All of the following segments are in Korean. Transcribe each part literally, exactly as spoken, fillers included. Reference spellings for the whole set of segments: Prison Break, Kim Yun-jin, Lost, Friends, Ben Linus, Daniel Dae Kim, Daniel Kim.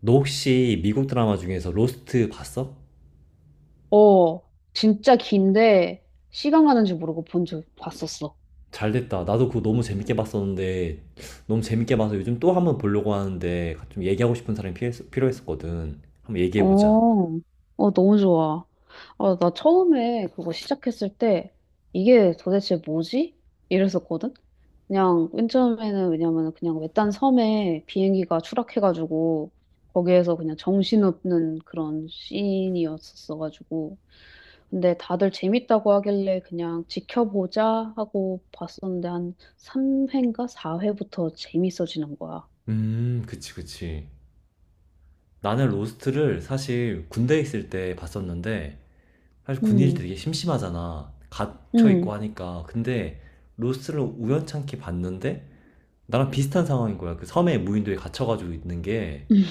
너 혹시 미국 드라마 중에서 로스트 봤어? 어, 진짜 긴데 시간 가는 줄 모르고 본 적 봤었어. 잘 됐다. 나도 그거 너무 재밌게 봤었는데, 너무 재밌게 봐서 요즘 또 한번 보려고 하는데, 좀 얘기하고 싶은 사람이 필요했, 필요했었거든. 한번 얘기해보자. 어, 어, 너무 좋아. 아, 나 처음에 그거 시작했을 때 이게 도대체 뭐지? 이랬었거든? 그냥 맨 처음에는, 왜냐면 그냥 외딴 섬에 비행기가 추락해가지고 거기에서 그냥 정신없는 그런 씬이었었어가지고. 근데 다들 재밌다고 하길래 그냥 지켜보자 하고 봤었는데 한 삼 회인가 사 회부터 재밌어지는 거야. 음, 그치, 그치. 나는 로스트를 사실 군대에 있을 때 봤었는데, 사실 군인이 음, 되게 심심하잖아. 음, 갇혀있고 하니까. 근데, 로스트를 우연찮게 봤는데, 나랑 비슷한 상황인 거야. 그 섬에 무인도에 갇혀가지고 있는 게, 음,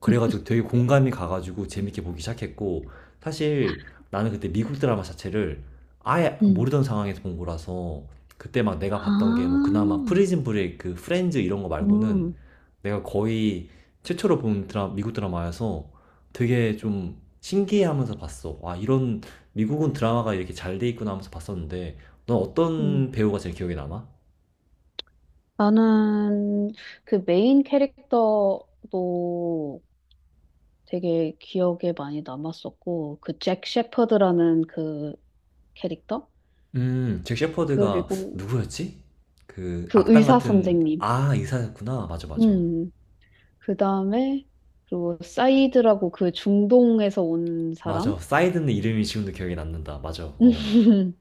그래가지고 되게 공감이 가가지고 재밌게 보기 시작했고 사실 나는 그때 미국 드라마 자체를 아예 음. 모르던 상황에서 본 거라서 그때 막 내가 아, 봤던 게 뭐 그나마 프리즌 브레이크, 프렌즈 이런 거 말고는 음, 내가 거의 최초로 본 드라, 미국 드라마여서 되게 좀 신기해하면서 봤어. 와 이런 미국은 드라마가 이렇게 잘 돼 있구나 하면서 봤었는데 넌 음. 어떤 배우가 제일 기억에 남아? 나는 그 메인 캐릭터도 되게 기억에 많이 남았었고, 그 잭 셰퍼드라는 그 캐릭터? 음, 잭 그리고 셰퍼드가 누구였지? 그 그 악당 의사 같은 선생님. 아 의사였구나. 맞아, 맞아. 음, 그 다음에. 그리고 사이드라고, 그 중동에서 온 맞아. 사람? 사이드는 이름이 지금도 기억이 남는다. 맞아. 어.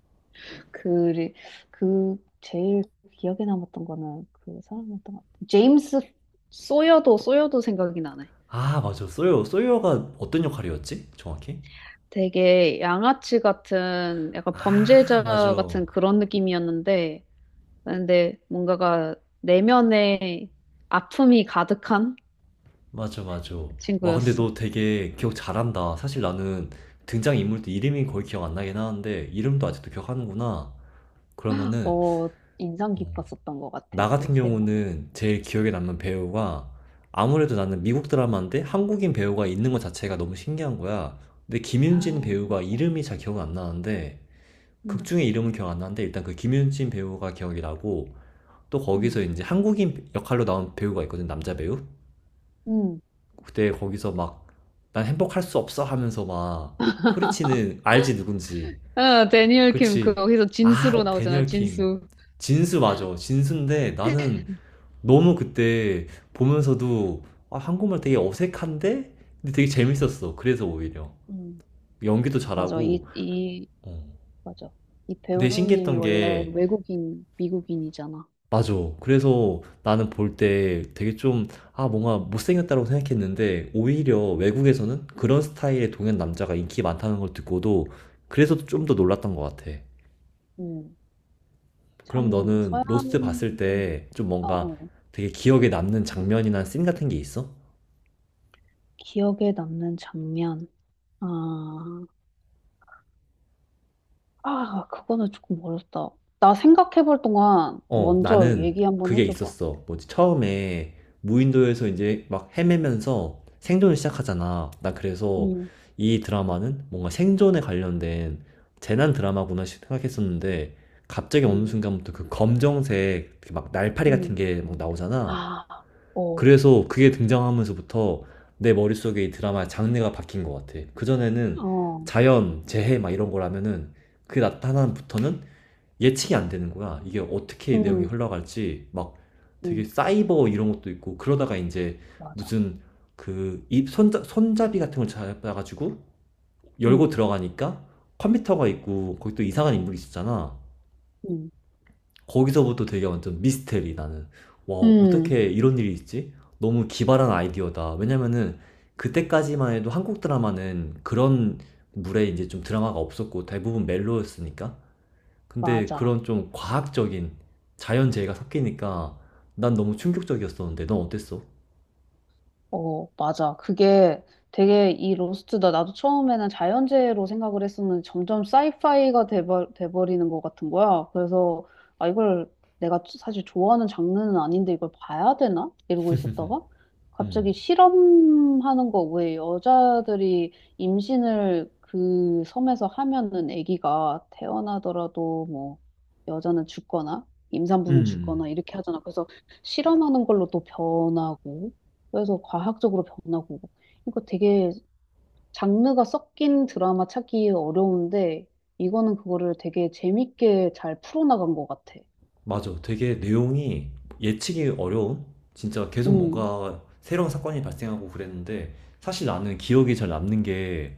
그, 그 제일 기억에 남았던 거는 그 사람이었던 것 같아. 제임스 소여도 소여도 생각이 나네. 아, 맞아. 소요, 소요가 어떤 역할이었지? 정확히? 되게 양아치 같은, 약간 아, 범죄자 맞아. 같은 그런 느낌이었는데, 근데 뭔가가 내면에 아픔이 가득한 맞아, 맞아. 와, 근데 친구였어. 너 되게 기억 잘한다. 사실 나는 등장인물도 이름이 거의 기억 안 나긴 하는데 이름도 아직도 기억하는구나. 그러면은 어, 인상 어, 깊었었던 것 같아, 나 그 같은 세 명. 경우는 제일 기억에 남는 배우가 아무래도 나는 미국 드라마인데 한국인 배우가 있는 것 자체가 너무 신기한 거야. 근데 아, 김윤진 배우가 맞아. 이름이 잘 기억 안 나는데 극 음, 중에 이름은 기억 안 나는데 일단 그 김윤진 배우가 기억이 나고 또 거기서 음. 이제 한국인 역할로 나온 배우가 있거든 남자 배우. 음, 그때 거기서 막 난 행복할 수 없어 하면서 막 소리치는 알지 누군지. 아, 데니얼 킴, 그, 그치? 거기서 진수로 아 나오잖아, 데니얼 킴. 진수. 진수 맞아. 진수인데 나는 너무 그때 보면서도 아, 한국말 되게 어색한데? 근데 되게 재밌었어. 그래서 오히려. 음, 연기도 맞아. 잘하고. 이, 이, 어. 맞아. 이 근데 배우님이 신기했던 원래 게, 외국인, 미국인이잖아. 맞아. 그래서 나는 볼 때 되게 좀, 아, 뭔가 못생겼다고 생각했는데, 오히려 외국에서는 그런 스타일의 동양 남자가 인기 많다는 걸 듣고도, 그래서 좀 더 놀랐던 것 같아. 음, 그럼 참, 너는 서양 로스트 봤을 분, 때 좀 어, 뭔가 어. 되게 기억에 남는 장면이나 씬 같은 게 있어? 기억에 남는 장면. 아, 아, 그거는 조금 어렵다. 나 생각해 볼 동안 어, 먼저 나는 얘기 한번 그게 해줘봐. 있었어. 뭐지? 처음에 무인도에서 이제 막 헤매면서 생존을 시작하잖아. 나 그래서 음, 이 드라마는 뭔가 생존에 관련된 재난 드라마구나 시- 생각했었는데 갑자기 어느 음, 순간부터 그 검정색 그막 날파리 같은 음. 게 막 나오잖아. 아, 어, 그래서 그게 등장하면서부터 내 머릿속에 이 드라마의 장르가 바뀐 것 같아. 그전에는 어, 자연, 재해 막 이런 거라면은 그 나타남부터는 예측이 안 되는 거야. 이게 어떻게 내용이 음, 흘러갈지 막 되게 음, 사이버 이런 것도 있고 그러다가 이제 맞아. 무슨 그 입 손자, 손잡이 같은 걸 잡아가지고 열고 음, 들어가니까 컴퓨터가 있고 거기 또 이상한 인물이 있었잖아. 음, 거기서부터 되게 완전 미스테리 나는 와 음. 어떻게 이런 일이 있지? 너무 기발한 아이디어다. 왜냐면은 그때까지만 해도 한국 드라마는 그런 물에 이제 좀 드라마가 없었고 대부분 멜로였으니까 근데 맞아. 그런 좀 과학적인 자연재해가 섞이니까 난 너무 충격적이었었는데 넌 어땠어? 어, 맞아. 그게 되게 이 로스트다. 나도 처음에는 자연재해로 생각을 했었는데 점점 사이파이가 돼버, 돼버리는 것 같은 거야. 그래서, 아, 이걸 내가 사실 좋아하는 장르는 아닌데 이걸 봐야 되나? 이러고 있었다가 갑자기 음. 실험하는 거, 왜 여자들이 임신을 그 섬에서 하면은 아기가 태어나더라도 뭐 여자는 죽거나 임산부는 음. 죽거나 이렇게 하잖아. 그래서 실험하는 걸로 또 변하고, 그래서 과학적으로 변하고. 그러니까 되게 장르가 섞인 드라마 찾기 어려운데, 이거는 그거를 되게 재밌게 잘 풀어나간 것 같아. 맞아. 되게 내용이 예측이 어려운? 진짜 계속 음, 뭔가 새로운 사건이 발생하고 그랬는데 사실 나는 기억이 잘 남는 게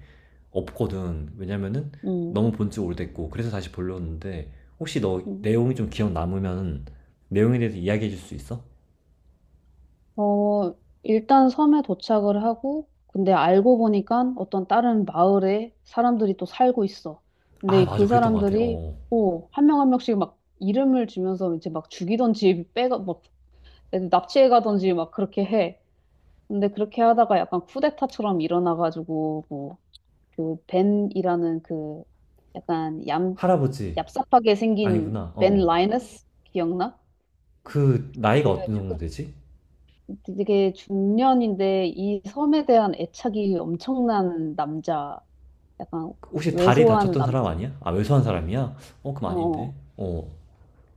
없거든. 왜냐면은 음, 너무 본 지 오래됐고 그래서 다시 보려는데 혹시 너 음. 내용이 좀 기억 남으면 내용에 대해서 이야기해 줄 수 있어? 어, 일단 섬에 도착을 하고, 근데 알고 보니까 어떤 다른 마을에 사람들이 또 살고 있어. 아, 근데 맞아. 그 그랬던 것 같아. 사람들이 어. 어. 한 명 한 명씩 막 이름을 주면서 이제 막 죽이던지 빼가, 막 납치해 가던지 막 그렇게 해. 근데 그렇게 하다가 약간 쿠데타처럼 일어나가지고, 뭐 그 벤이라는, 그 약간 얌 할아버지 얍삽하게 생긴 아니구나. 벤 어. 어. 라이너스 기억나? 그 그 나이가 어느 정도 약간 되지? 되게 중년인데 이 섬에 대한 애착이 엄청난 남자, 약간 혹시 다리 왜소한 다쳤던 사람 남자. 아니야? 아, 왜소한 사람이야? 어, 그럼 어, 어. 아닌데. 어.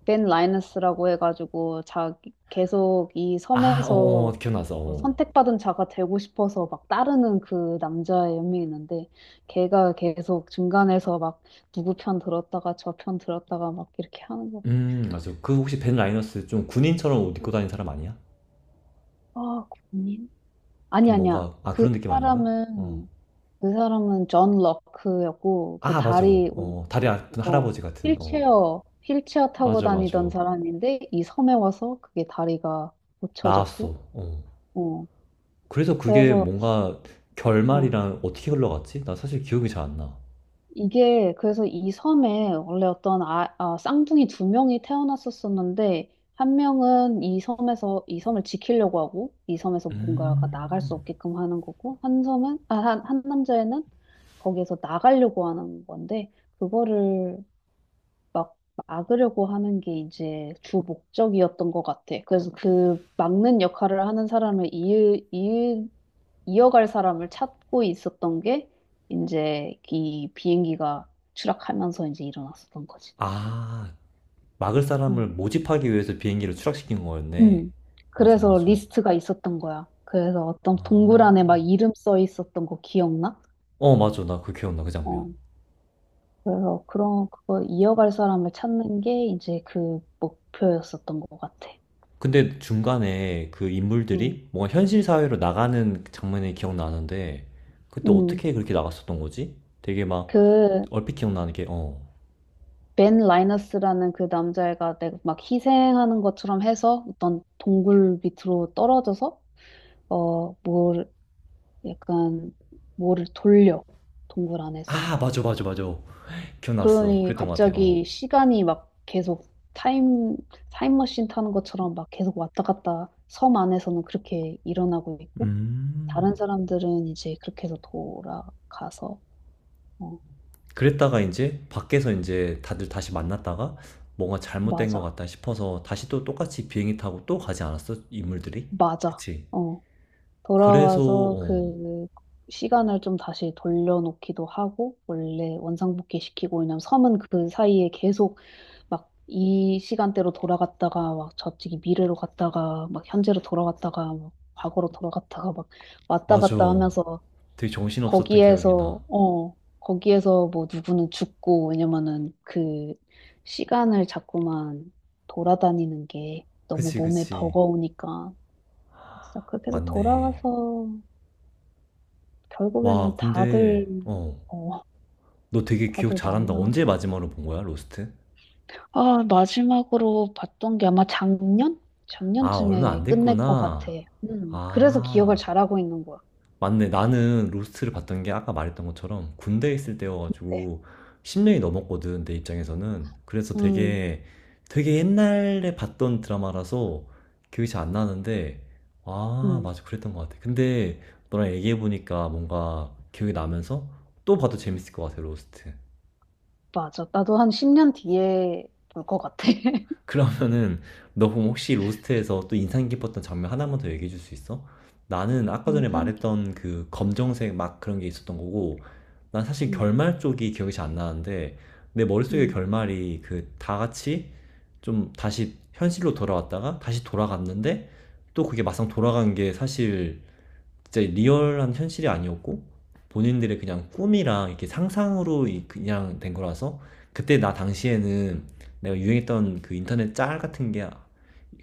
벤 라이너스라고 해가지고 자기 계속 이 아, 어, 어, 섬에서 기억나서 어, 어. 선택받은 자가 되고 싶어서 막 따르는 그 남자의 연민이 있는데, 걔가 계속 중간에서 막 누구 편 들었다가 저 편 들었다가 막 이렇게 하는 거. 음, 맞아. 그 혹시 벤 라이너스 좀 군인처럼 옷 입고 다니는 사람 아니야? 아, 고민? 아니, 좀 아니야. 뭔가 아, 그 그런 느낌 아닌가? 어. 사람은 그 사람은 존 럭크였고. 그 아, 맞아. 다리 올- 어, 다리 아픈 어 할아버지 같은. 어. 휠체어 휠체어 타고 맞아, 맞아. 다니던 사람인데, 이 섬에 와서 그게 다리가 고쳐졌고. 나왔어. 어. 어 그래서 그게 그래서. 뭔가 어, 결말이랑 어떻게 흘러갔지? 나 사실 기억이 잘 안 나. 이게 그래서 이 섬에 원래 어떤, 아, 아, 쌍둥이 두 명이 태어났었었는데, 한 명은 이 섬에서 이 섬을 지키려고 하고, 이 섬에서 뭔가가 나갈 수 음. 없게끔 하는 거고, 한 섬은 아, 한, 한 남자애는 거기에서 나가려고 하는 건데 그거를 막 막으려고 하는 게 이제 주 목적이었던 것 같아. 그래서 그 막는 역할을 하는 사람을, 이을 이어갈 사람을 찾고 있었던 게 이제 이 비행기가 추락하면서 이제 일어났었던 거지. 아, 막을 사람을 음. 모집하기 위해서 비행기를 추락시킨 거였네. 음. 맞아, 그래서 맞아. 리스트가 있었던 거야. 그래서 어떤 동굴 안에 막 아. 이름 써 있었던 거 기억나? 어, 맞아. 나 그 기억나, 그 장면. 어. 그래서 그런 그거 이어갈 사람을 찾는 게 이제 그 목표였었던 것 같아. 근데 중간에 그 음. 인물들이 뭔가 현실 사회로 나가는 장면이 기억나는데, 그때 음. 어떻게 그렇게 나갔었던 거지? 되게 막, 그 얼핏 기억나는 게, 어. 벤 라이너스라는 그 남자애가 내가 막 희생하는 것처럼 해서 어떤 동굴 밑으로 떨어져서, 어, 뭘 약간 뭐를 돌려 동굴 안에서. 아, 맞아, 맞아, 맞아. 기억났어. 그러니 그랬던 것 같아, 어. 갑자기 시간이 막 계속 타임 타임머신 타는 것처럼 막 계속 왔다 갔다 섬 안에서는 그렇게 일어나고 있고, 다른 음. 사람들은 이제 그렇게 해서 돌아가서. 어, 그랬다가 이제 밖에서 이제 다들 다시 만났다가 뭔가 잘못된 것 맞아, 같다 싶어서 다시 또 똑같이 비행기 타고 또 가지 않았어? 인물들이? 맞아. 그치? 어, 그래서, 돌아와서 어, 그 시간을 좀 다시 돌려놓기도 하고 원래 원상복귀 시키고. 왜냐면 섬은 그 사이에 계속 막 이 시간대로 돌아갔다가 막 저쪽이 미래로 갔다가 막 현재로 돌아갔다가 막 과거로 돌아갔다가 막 왔다 맞아. 갔다 하면서, 되게 정신없었던 기억이 거기에서 나. 어 거기에서 뭐 누구는 죽고. 왜냐면은 그 시간을 자꾸만 돌아다니는 게 너무 그치, 몸에 그치. 버거우니까. 진짜 그렇게 해서 맞네. 돌아가서 결국에는 와, 근데, 다들 어, 어 너 되게 기억 다들 잘한다. 언제 만나서. 마지막으로 본 거야, 로스트? 아, 마지막으로 봤던 게 아마 작년? 아, 얼마 작년쯤에 안 끝낼 것 같아. 됐구나. 음, 그래서 기억을 아. 잘하고 있는 거야. 맞네. 나는 로스트를 봤던 게 아까 말했던 것처럼 군대에 있을 네. 때여가지고 십 년이 넘었거든, 내 입장에서는. 그래서 음, 되게, 되게 옛날에 봤던 드라마라서 기억이 잘 안 나는데, 아, 음, 맞아. 그랬던 것 같아. 근데 너랑 얘기해보니까 뭔가 기억이 나면서 또 봐도 재밌을 것 같아, 로스트. 맞아. 나도 한 십 년 뒤에 볼 것 같아. 그러면은 너 그럼 혹시 로스트에서 또 인상 깊었던 장면 하나만 더 얘기해 줄 수 있어? 나는 아까 전에 인상 말했던 깊고. 그 검정색 막 그런 게 있었던 거고, 난 사실 음, 결말 쪽이 기억이 잘 안 나는데 내 머릿속의 음, 결말이 그 다 같이 좀 다시 현실로 돌아왔다가 다시 돌아갔는데 또 그게 막상 돌아간 게 사실 진짜 리얼한 현실이 아니었고 본인들의 그냥 꿈이랑 이렇게 상상으로 그냥 된 거라서 그때 나 당시에는 내가 유행했던 그 인터넷 짤 같은 게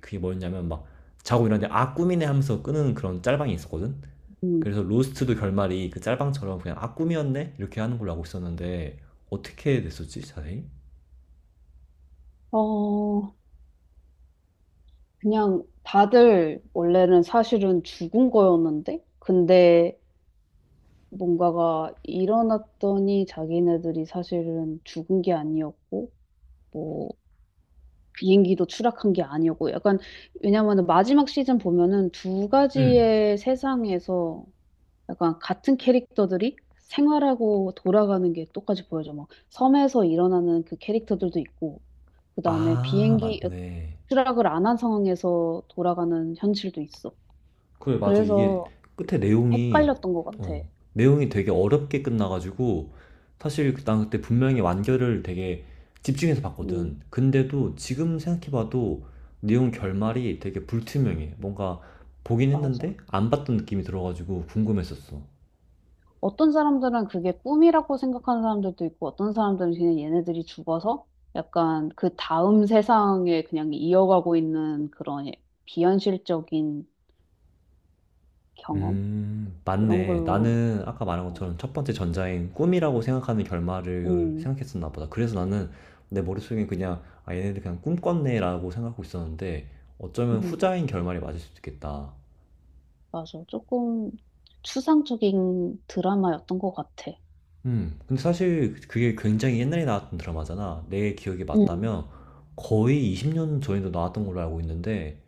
그게 뭐였냐면 막 자고 일어났는데 아 꿈이네 하면서 끄는 그런 짤방이 있었거든. 음. 그래서 로스트도 결말이 그 짤방처럼 그냥 아 꿈이었네 이렇게 하는 걸로 알고 있었는데 어떻게 됐었지 자세히? 어, 그냥 다들 원래는 사실은 죽은 거였는데, 근데 뭔가가 일어났더니 자기네들이 사실은 죽은 게 아니었고, 뭐, 비행기도 추락한 게 아니었고 약간. 왜냐면은 마지막 시즌 보면은 두 응. 가지의 세상에서 약간 같은 캐릭터들이 생활하고 돌아가는 게 똑같이 보여져. 막 섬에서 일어나는 그 캐릭터들도 있고, 그다음에 아 비행기 어, 맞네. 추락을 안 한 상황에서 돌아가는 현실도 있어. 그래 맞아 이게 그래서 끝에 내용이 헷갈렸던 것 같아. 어 내용이 되게 어렵게 끝나가지고 사실 그, 난 그때 분명히 완결을 되게 집중해서 음, 봤거든. 근데도 지금 생각해봐도 내용 결말이 되게 불투명해. 뭔가 보긴 맞아. 했는데 안 봤던 느낌이 들어가지고 궁금했었어. 어떤 사람들은 그게 꿈이라고 생각하는 사람들도 있고, 어떤 사람들은 그냥 얘네들이 죽어서 약간 그 다음 세상에 그냥 이어가고 있는 그런 예- 비현실적인 경험? 음, 그런 맞네. 걸로, 나는 아까 말한 어. 것처럼 첫 번째 전자인 꿈이라고 생각하는 결말을 음, 생각했었나 보다. 그래서 나는 내 머릿속엔 그냥, 아, 얘네들 그냥 꿈 꿨네라고 생각하고 있었는데, 어쩌면 음, 후자인 결말이 맞을 수도 있겠다. 맞아. 조금 추상적인 드라마였던 것 같아. 음, 근데 사실 그게 굉장히 옛날에 나왔던 드라마잖아. 내 기억이 음, 맞다면 거의 이십 년 전에도 나왔던 걸로 알고 있는데,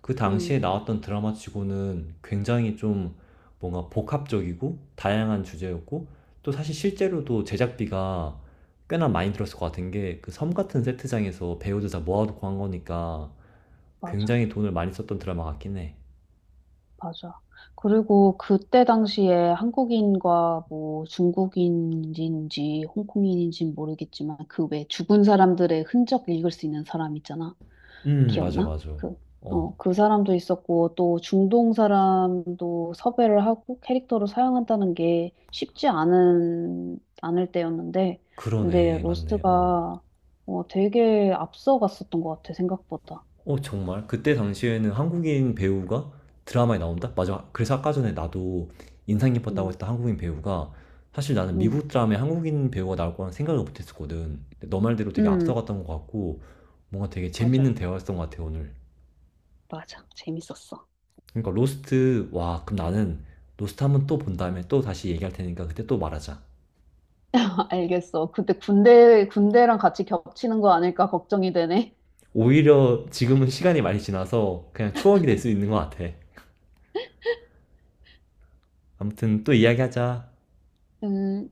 그 음, 당시에 나왔던 드라마 치고는 굉장히 좀 뭔가 복합적이고 다양한 주제였고 또 사실 실제로도 제작비가 꽤나 많이 들었을 것 같은 게 그 섬 같은 세트장에서 배우들 다 모아놓고 한 거니까 맞아. 굉장히 돈을 많이 썼던 드라마 같긴 해. 맞아. 그리고 그때 당시에 한국인과, 뭐 중국인인지 홍콩인인지 모르겠지만, 그 왜 죽은 사람들의 흔적 읽을 수 있는 사람 있잖아. 음, 맞아, 기억나? 맞아. 그, 어, 어, 그 사람도 있었고, 또 중동 사람도 섭외를 하고 캐릭터로 사용한다는 게 쉽지 않은, 않을 때였는데, 근데 그러네. 맞네. 어. 로스트가 어, 되게 앞서갔었던 것 같아, 생각보다. 어, 정말? 그때 당시에는 한국인 배우가 드라마에 나온다? 맞아. 그래서 아까 전에 나도 인상 깊었다고 음, 했던 한국인 배우가 사실 나는 음, 미국 드라마에 한국인 배우가 나올 거란 생각을 못 했었거든. 근데 너 말대로 되게 음, 앞서갔던 것 같고 뭔가 되게 재밌는 맞아. 대화였던 것 같아, 오늘. 맞아. 재밌었어. 그러니까 로스트, 와, 그럼 나는 로스트 한번 또 본 다음에 또 다시 얘기할 테니까 그때 또 말하자. 알겠어. 근데 군대, 군대랑 같이 겹치는 거 아닐까 걱정이 되네. 오히려 지금은 시간이 많이 지나서 그냥 추억이 될 수 있는 것 같아. 아무튼 또 이야기하자. 음,